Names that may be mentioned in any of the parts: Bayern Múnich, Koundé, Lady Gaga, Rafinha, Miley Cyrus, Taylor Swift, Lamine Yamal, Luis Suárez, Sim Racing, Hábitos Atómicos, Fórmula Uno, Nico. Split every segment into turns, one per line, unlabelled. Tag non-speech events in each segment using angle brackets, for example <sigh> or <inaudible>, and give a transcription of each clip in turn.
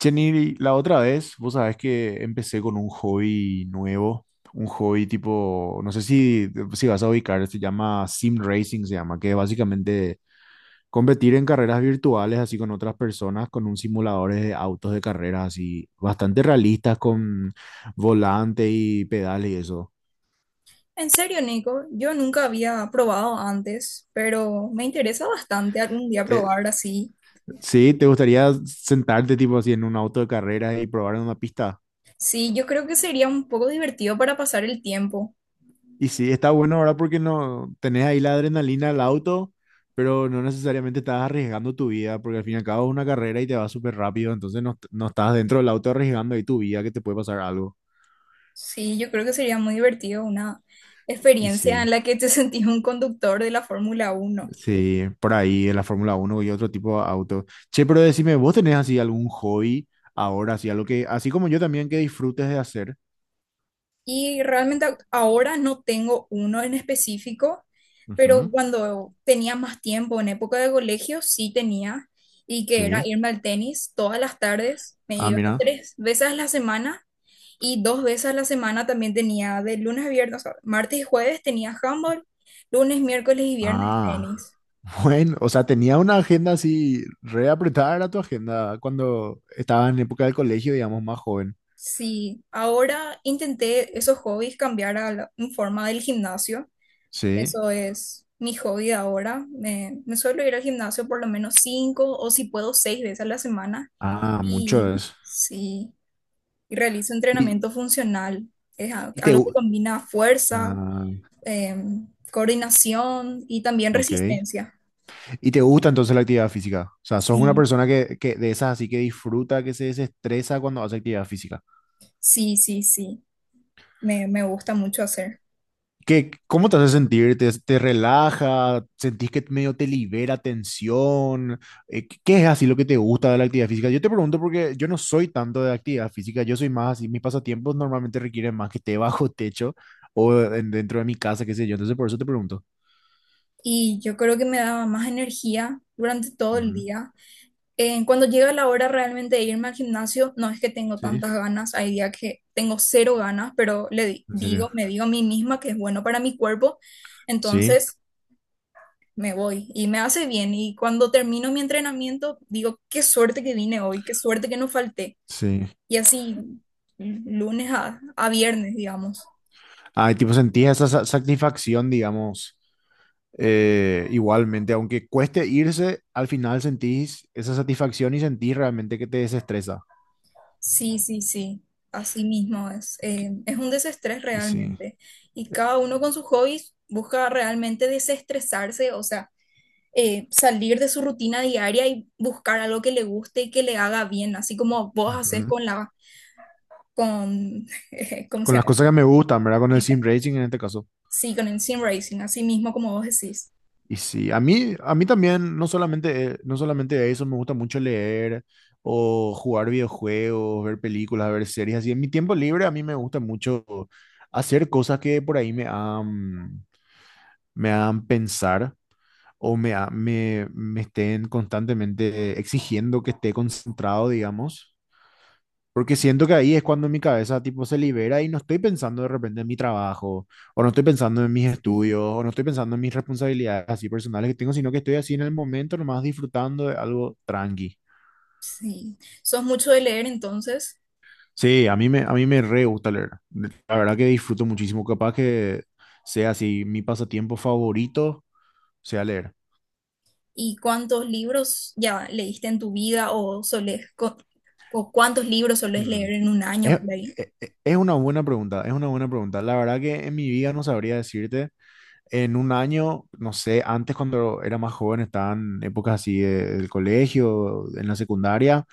Jenny, la otra vez, vos sabés que empecé con un hobby nuevo, un hobby tipo, no sé si vas a ubicar, se llama Sim Racing, se llama, que es básicamente competir en carreras virtuales así con otras personas, con un simulador de autos de carreras así, bastante realistas con volante y pedales y eso.
En serio, Nico, yo nunca había probado antes, pero me interesa bastante algún día
Eh,
probar así.
sí, ¿te gustaría sentarte tipo así en un auto de carreras y probar en una pista?
Sí, yo creo que sería un poco divertido para pasar el tiempo.
Y sí, está bueno ahora porque no tenés ahí la adrenalina al auto, pero no necesariamente estás arriesgando tu vida, porque al fin y al cabo es una carrera y te va súper rápido, entonces no, no estás dentro del auto arriesgando ahí tu vida que te puede pasar algo.
Sí, yo creo que sería muy divertido una
Y
experiencia
sí,
en la que te <laughs> sentís un conductor de la Fórmula Uno.
sí, por ahí en la Fórmula 1 y otro tipo de auto. Che, pero decime, ¿vos tenés así algún hobby ahora, así algo que, así como yo también que disfrutes de hacer?
Y realmente ahora no tengo uno en específico, pero
Ujú.
cuando tenía más tiempo, en época de colegio, sí tenía, y que era
Sí.
irme al tenis todas las tardes, me
Ah,
iba
mira.
3 veces a la semana. Y 2 veces a la semana también tenía de lunes a viernes, o sea, martes y jueves tenía handball, lunes, miércoles y viernes
Ah.
tenis.
Bueno, o sea, tenía una agenda así re apretada era tu agenda cuando estaba en época del colegio, digamos, más joven.
Sí, ahora intenté esos hobbies cambiar a en forma del gimnasio.
Sí.
Eso es mi hobby de ahora. Me suelo ir al gimnasio por lo menos cinco o si puedo seis veces a la semana.
Ah, mucho
Y
es.
sí, y realizo
Y,
entrenamiento funcional. Es
y
algo que combina fuerza,
ah,
coordinación y también
ok.
resistencia.
¿Y te gusta entonces la actividad física? O sea, sos una
Sí.
persona que de esas así que disfruta, que se desestresa cuando hace actividad física.
Sí, sí, sí, me gusta mucho hacer.
¿Qué, cómo te hace sentir? ¿Te relaja? ¿Sentís que medio te libera tensión? ¿Qué qué es así lo que te gusta de la actividad física? Yo te pregunto porque yo no soy tanto de actividad física, yo soy más así, mis pasatiempos normalmente requieren más que esté <laughs> bajo techo dentro de mi casa, qué sé yo, entonces por eso te pregunto.
Y yo creo que me daba más energía durante todo el
Ujú.
día. Cuando llega la hora realmente de irme al gimnasio, no es que tengo
Sí,
tantas ganas, hay días que tengo cero ganas, pero
en serio.
me digo a mí misma que es bueno para mi cuerpo,
Sí,
entonces me voy y me hace bien. Y cuando termino mi entrenamiento, digo, qué suerte que vine hoy, qué suerte que no falté.
sí.
Y así, lunes a viernes, digamos.
Ay, tipo, sentís esa satisfacción, digamos, igualmente, aunque cueste irse, al final sentís esa satisfacción y sentís realmente que te desestresa.
Sí, sí, sí, así mismo es. Es un desestrés
Y sí.
realmente. Y
eh,
cada uno con sus hobbies busca realmente desestresarse, o sea, salir de su rutina diaria y buscar algo que le guste y que le haga bien, así como vos haces
ujú.
con la, con, <laughs> ¿cómo se
Con las
llama?
cosas que me gustan, ¿verdad? Con el sim racing en este caso.
Sí, con el sim racing, así mismo como vos decís.
Y sí, a mí también, no solamente, no solamente eso, me gusta mucho leer o jugar videojuegos, ver películas, ver series. Así, en mi tiempo libre a mí me gusta mucho hacer cosas que por ahí me hagan pensar o me estén constantemente exigiendo que esté concentrado, digamos. Porque siento que ahí es cuando mi cabeza tipo se libera y no estoy pensando de repente en mi trabajo, o no estoy pensando en mis
Sí,
estudios, o no estoy pensando en mis responsabilidades así personales que tengo, sino que estoy así en el momento nomás disfrutando de algo tranqui.
sí. ¿Sos mucho de leer entonces?
Sí, a mí me re gusta leer. La verdad que disfruto muchísimo, capaz que sea así mi pasatiempo favorito, sea leer.
¿Y cuántos libros ya leíste en tu vida o solés, o cuántos libros solés
Hmm.
leer en un año
Es,
por ahí?
es es una buena pregunta, es una buena pregunta. La verdad que en mi vida no sabría decirte. En un año, no sé, antes cuando era más joven, estaban épocas así del colegio, en la secundaria,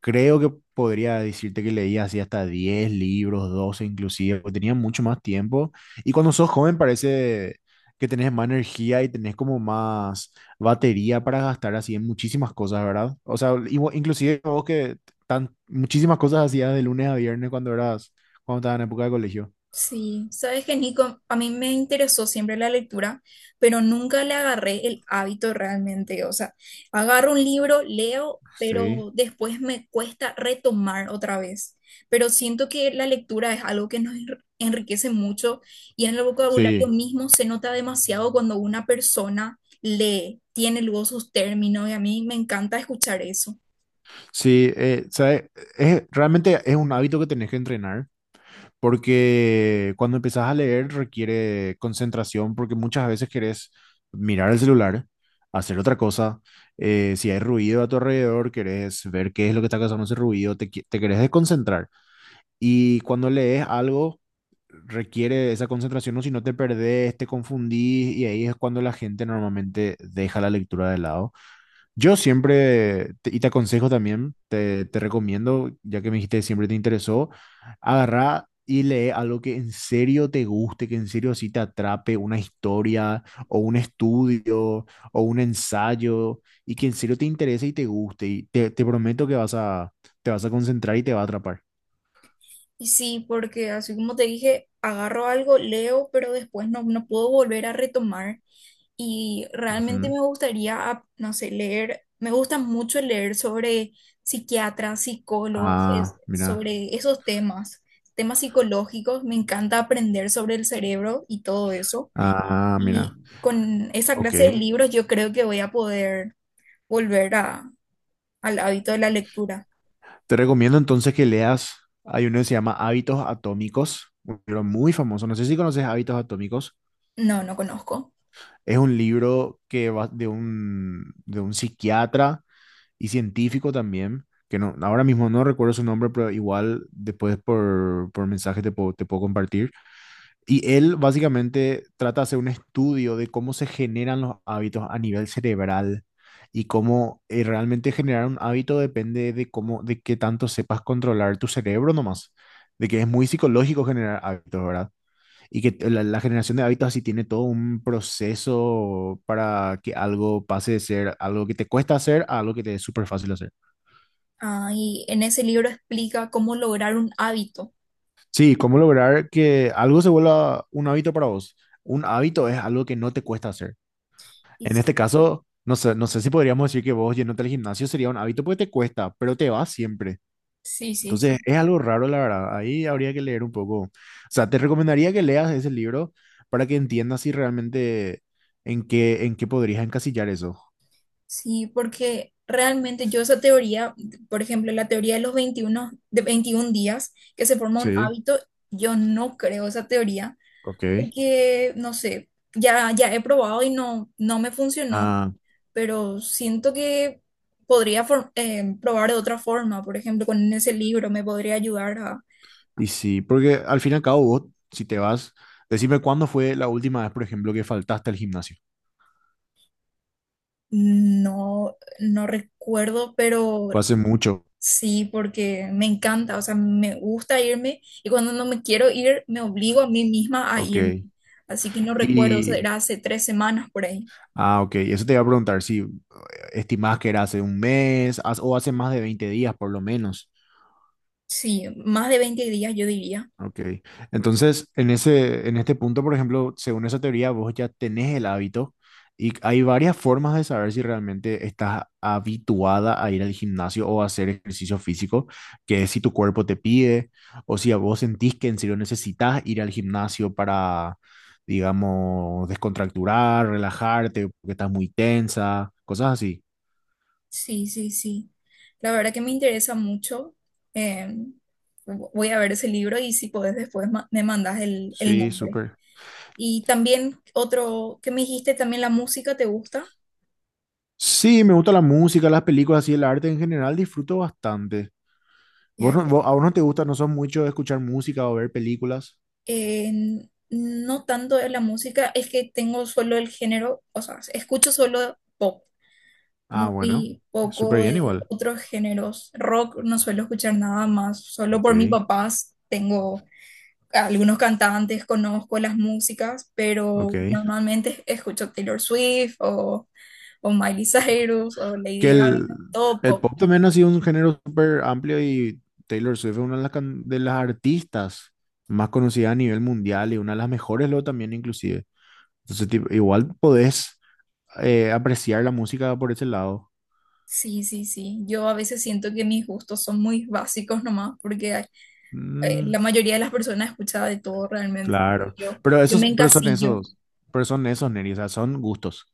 creo que podría decirte que leía así hasta 10 libros, 12 inclusive, porque tenía mucho más tiempo. Y cuando sos joven parece que tenés más energía y tenés como más batería para gastar así en muchísimas cosas, ¿verdad? O sea, inclusive vos que tan, muchísimas cosas hacías de lunes a viernes cuando eras, cuando estabas en época de colegio.
Sí, sabes que Nico, a mí me interesó siempre la lectura, pero nunca le agarré el hábito realmente. O sea, agarro un libro, leo,
Sí,
pero después me cuesta retomar otra vez. Pero siento que la lectura es algo que nos enriquece mucho y en el vocabulario
sí.
mismo se nota demasiado cuando una persona lee, tiene luego sus términos y a mí me encanta escuchar eso.
Sí, ¿sabe? Es, realmente es un hábito que tenés que entrenar porque cuando empezás a leer requiere concentración porque muchas veces querés mirar el celular, hacer otra cosa, si hay ruido a tu alrededor, querés ver qué es lo que está causando ese ruido, te querés desconcentrar. Y cuando lees algo requiere esa concentración o si no te perdés, te confundís y ahí es cuando la gente normalmente deja la lectura de lado. Yo siempre, y te aconsejo también, te recomiendo, ya que me dijiste que siempre te interesó, agarrá y lee algo que en serio te guste, que en serio sí te atrape, una historia o un estudio o un ensayo, y que en serio te interese y te guste. Y te prometo que te vas a concentrar y te va a atrapar.
Y sí, porque así como te dije, agarro algo, leo, pero después no puedo volver a retomar. Y realmente
Ujú.
me gustaría, no sé, leer, me gusta mucho leer sobre psiquiatras, psicólogos,
Ah, mira.
sobre esos temas, temas psicológicos, me encanta aprender sobre el cerebro y todo eso.
Ah, mira.
Y con esa
Ok.
clase de libros yo creo que voy a poder volver al hábito de la lectura.
Te recomiendo entonces que leas, hay uno que se llama Hábitos Atómicos, un libro muy famoso, no sé si conoces Hábitos Atómicos,
No, no conozco.
es un libro que va de de un psiquiatra y científico también, que no, ahora mismo no recuerdo su nombre, pero igual después por mensaje te puedo compartir y él básicamente trata de hacer un estudio de cómo se generan los hábitos a nivel cerebral y cómo realmente generar un hábito depende de cómo, de qué tanto sepas controlar tu cerebro nomás, de que es muy psicológico generar hábitos, ¿verdad? Y que la generación de hábitos así tiene todo un proceso para que algo pase de ser algo que te cuesta hacer a algo que te es súper fácil hacer.
Ah, y en ese libro explica cómo lograr un hábito.
Sí, cómo lograr que algo se vuelva un hábito para vos. Un hábito es algo que no te cuesta hacer.
Y
En
s-
este caso, no sé, no sé si podríamos decir que vos yéndote al gimnasio sería un hábito porque te cuesta, pero te vas siempre.
sí, sí,
Entonces,
sí.
es algo raro, la verdad. Ahí habría que leer un poco. O sea, te recomendaría que leas ese libro para que entiendas si realmente en qué podrías encasillar eso.
Sí, porque realmente yo esa teoría, por ejemplo, la teoría de los 21 de 21 días que se forma un
Sí,
hábito, yo no creo esa teoría
ok.
porque, no sé, ya he probado y no me funcionó,
Ah,
pero siento que podría probar de otra forma, por ejemplo, con ese libro me podría ayudar a,
y sí, porque al fin y al cabo vos, si te vas, decime cuándo fue la última vez, por ejemplo, que faltaste al gimnasio.
no recuerdo, pero
Fue hace mucho.
sí, porque me encanta, o sea, me gusta irme y cuando no me quiero ir, me obligo a mí misma a irme.
Ok.
Así que no recuerdo,
Y,
era hace 3 semanas por ahí.
ah, ok, eso te iba a preguntar, sí, estimás que era hace un mes o hace más de 20 días por lo menos.
Sí, más de 20 días yo diría.
Ok. Entonces, en este punto, por ejemplo, según esa teoría, vos ya tenés el hábito y hay varias formas de saber si realmente estás habituada a ir al gimnasio o a hacer ejercicio físico, que es si tu cuerpo te pide o si a vos sentís que en serio necesitas ir al gimnasio para, digamos, descontracturar, relajarte, porque estás muy tensa, cosas así.
Sí, sí, sí. La verdad que me interesa mucho. Eh, voy a ver ese libro y si podés después me mandas el
Sí,
nombre.
súper.
Y también otro que me dijiste, también la música, ¿te gusta?
Sí, me gusta la música, las películas y el arte en general, disfruto bastante. ¿Vos,
Ya,
no-
ya.
vos- a vos no te gusta, no sos mucho de escuchar música o ver películas?
Eh, no tanto de la música, es que tengo solo el género, o sea, escucho solo pop,
Ah, bueno,
muy
súper
poco
bien
de
igual.
otros géneros. Rock no suelo escuchar nada más, solo
Ok,
por mis papás tengo algunos cantantes, conozco las músicas,
ok,
pero normalmente escucho Taylor Swift o Miley
ok.
Cyrus o Lady
Que
Gaga, todo
el
pop.
pop también ha sido un género súper amplio y Taylor Swift es una de las, de las artistas más conocidas a nivel mundial y una de las mejores luego también inclusive. Entonces, tipo, igual podés apreciar la música por ese lado.
Sí, sí, sí. Yo a veces siento que mis gustos son muy básicos nomás, porque hay
Mm.
la mayoría de las personas escuchaba de todo realmente. Pero
Claro,
Yo,
pero
yo
esos,
me
pero son
encasillo.
esos, pero son esos, Neri, o sea, son gustos,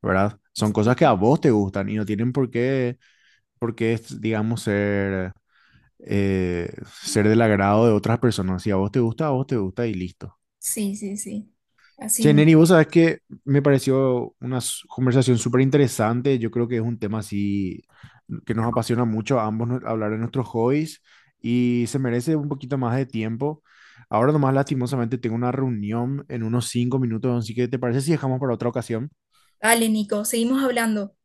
¿verdad? Son cosas que a vos te gustan y no tienen por qué, es, digamos, ser, eh, ser del agrado de otras personas. Si a vos te gusta, a vos te gusta y listo.
Sí, sí, sí. Así
Che,
mismo.
Neri, vos sabés que me pareció una conversación súper interesante. Yo creo que es un tema así que nos apasiona mucho a ambos hablar de nuestros hobbies y se merece un poquito más de tiempo. Ahora nomás lastimosamente tengo una reunión en unos 5 minutos, así que ¿te parece si dejamos para otra ocasión?
Dale, Nico, seguimos hablando.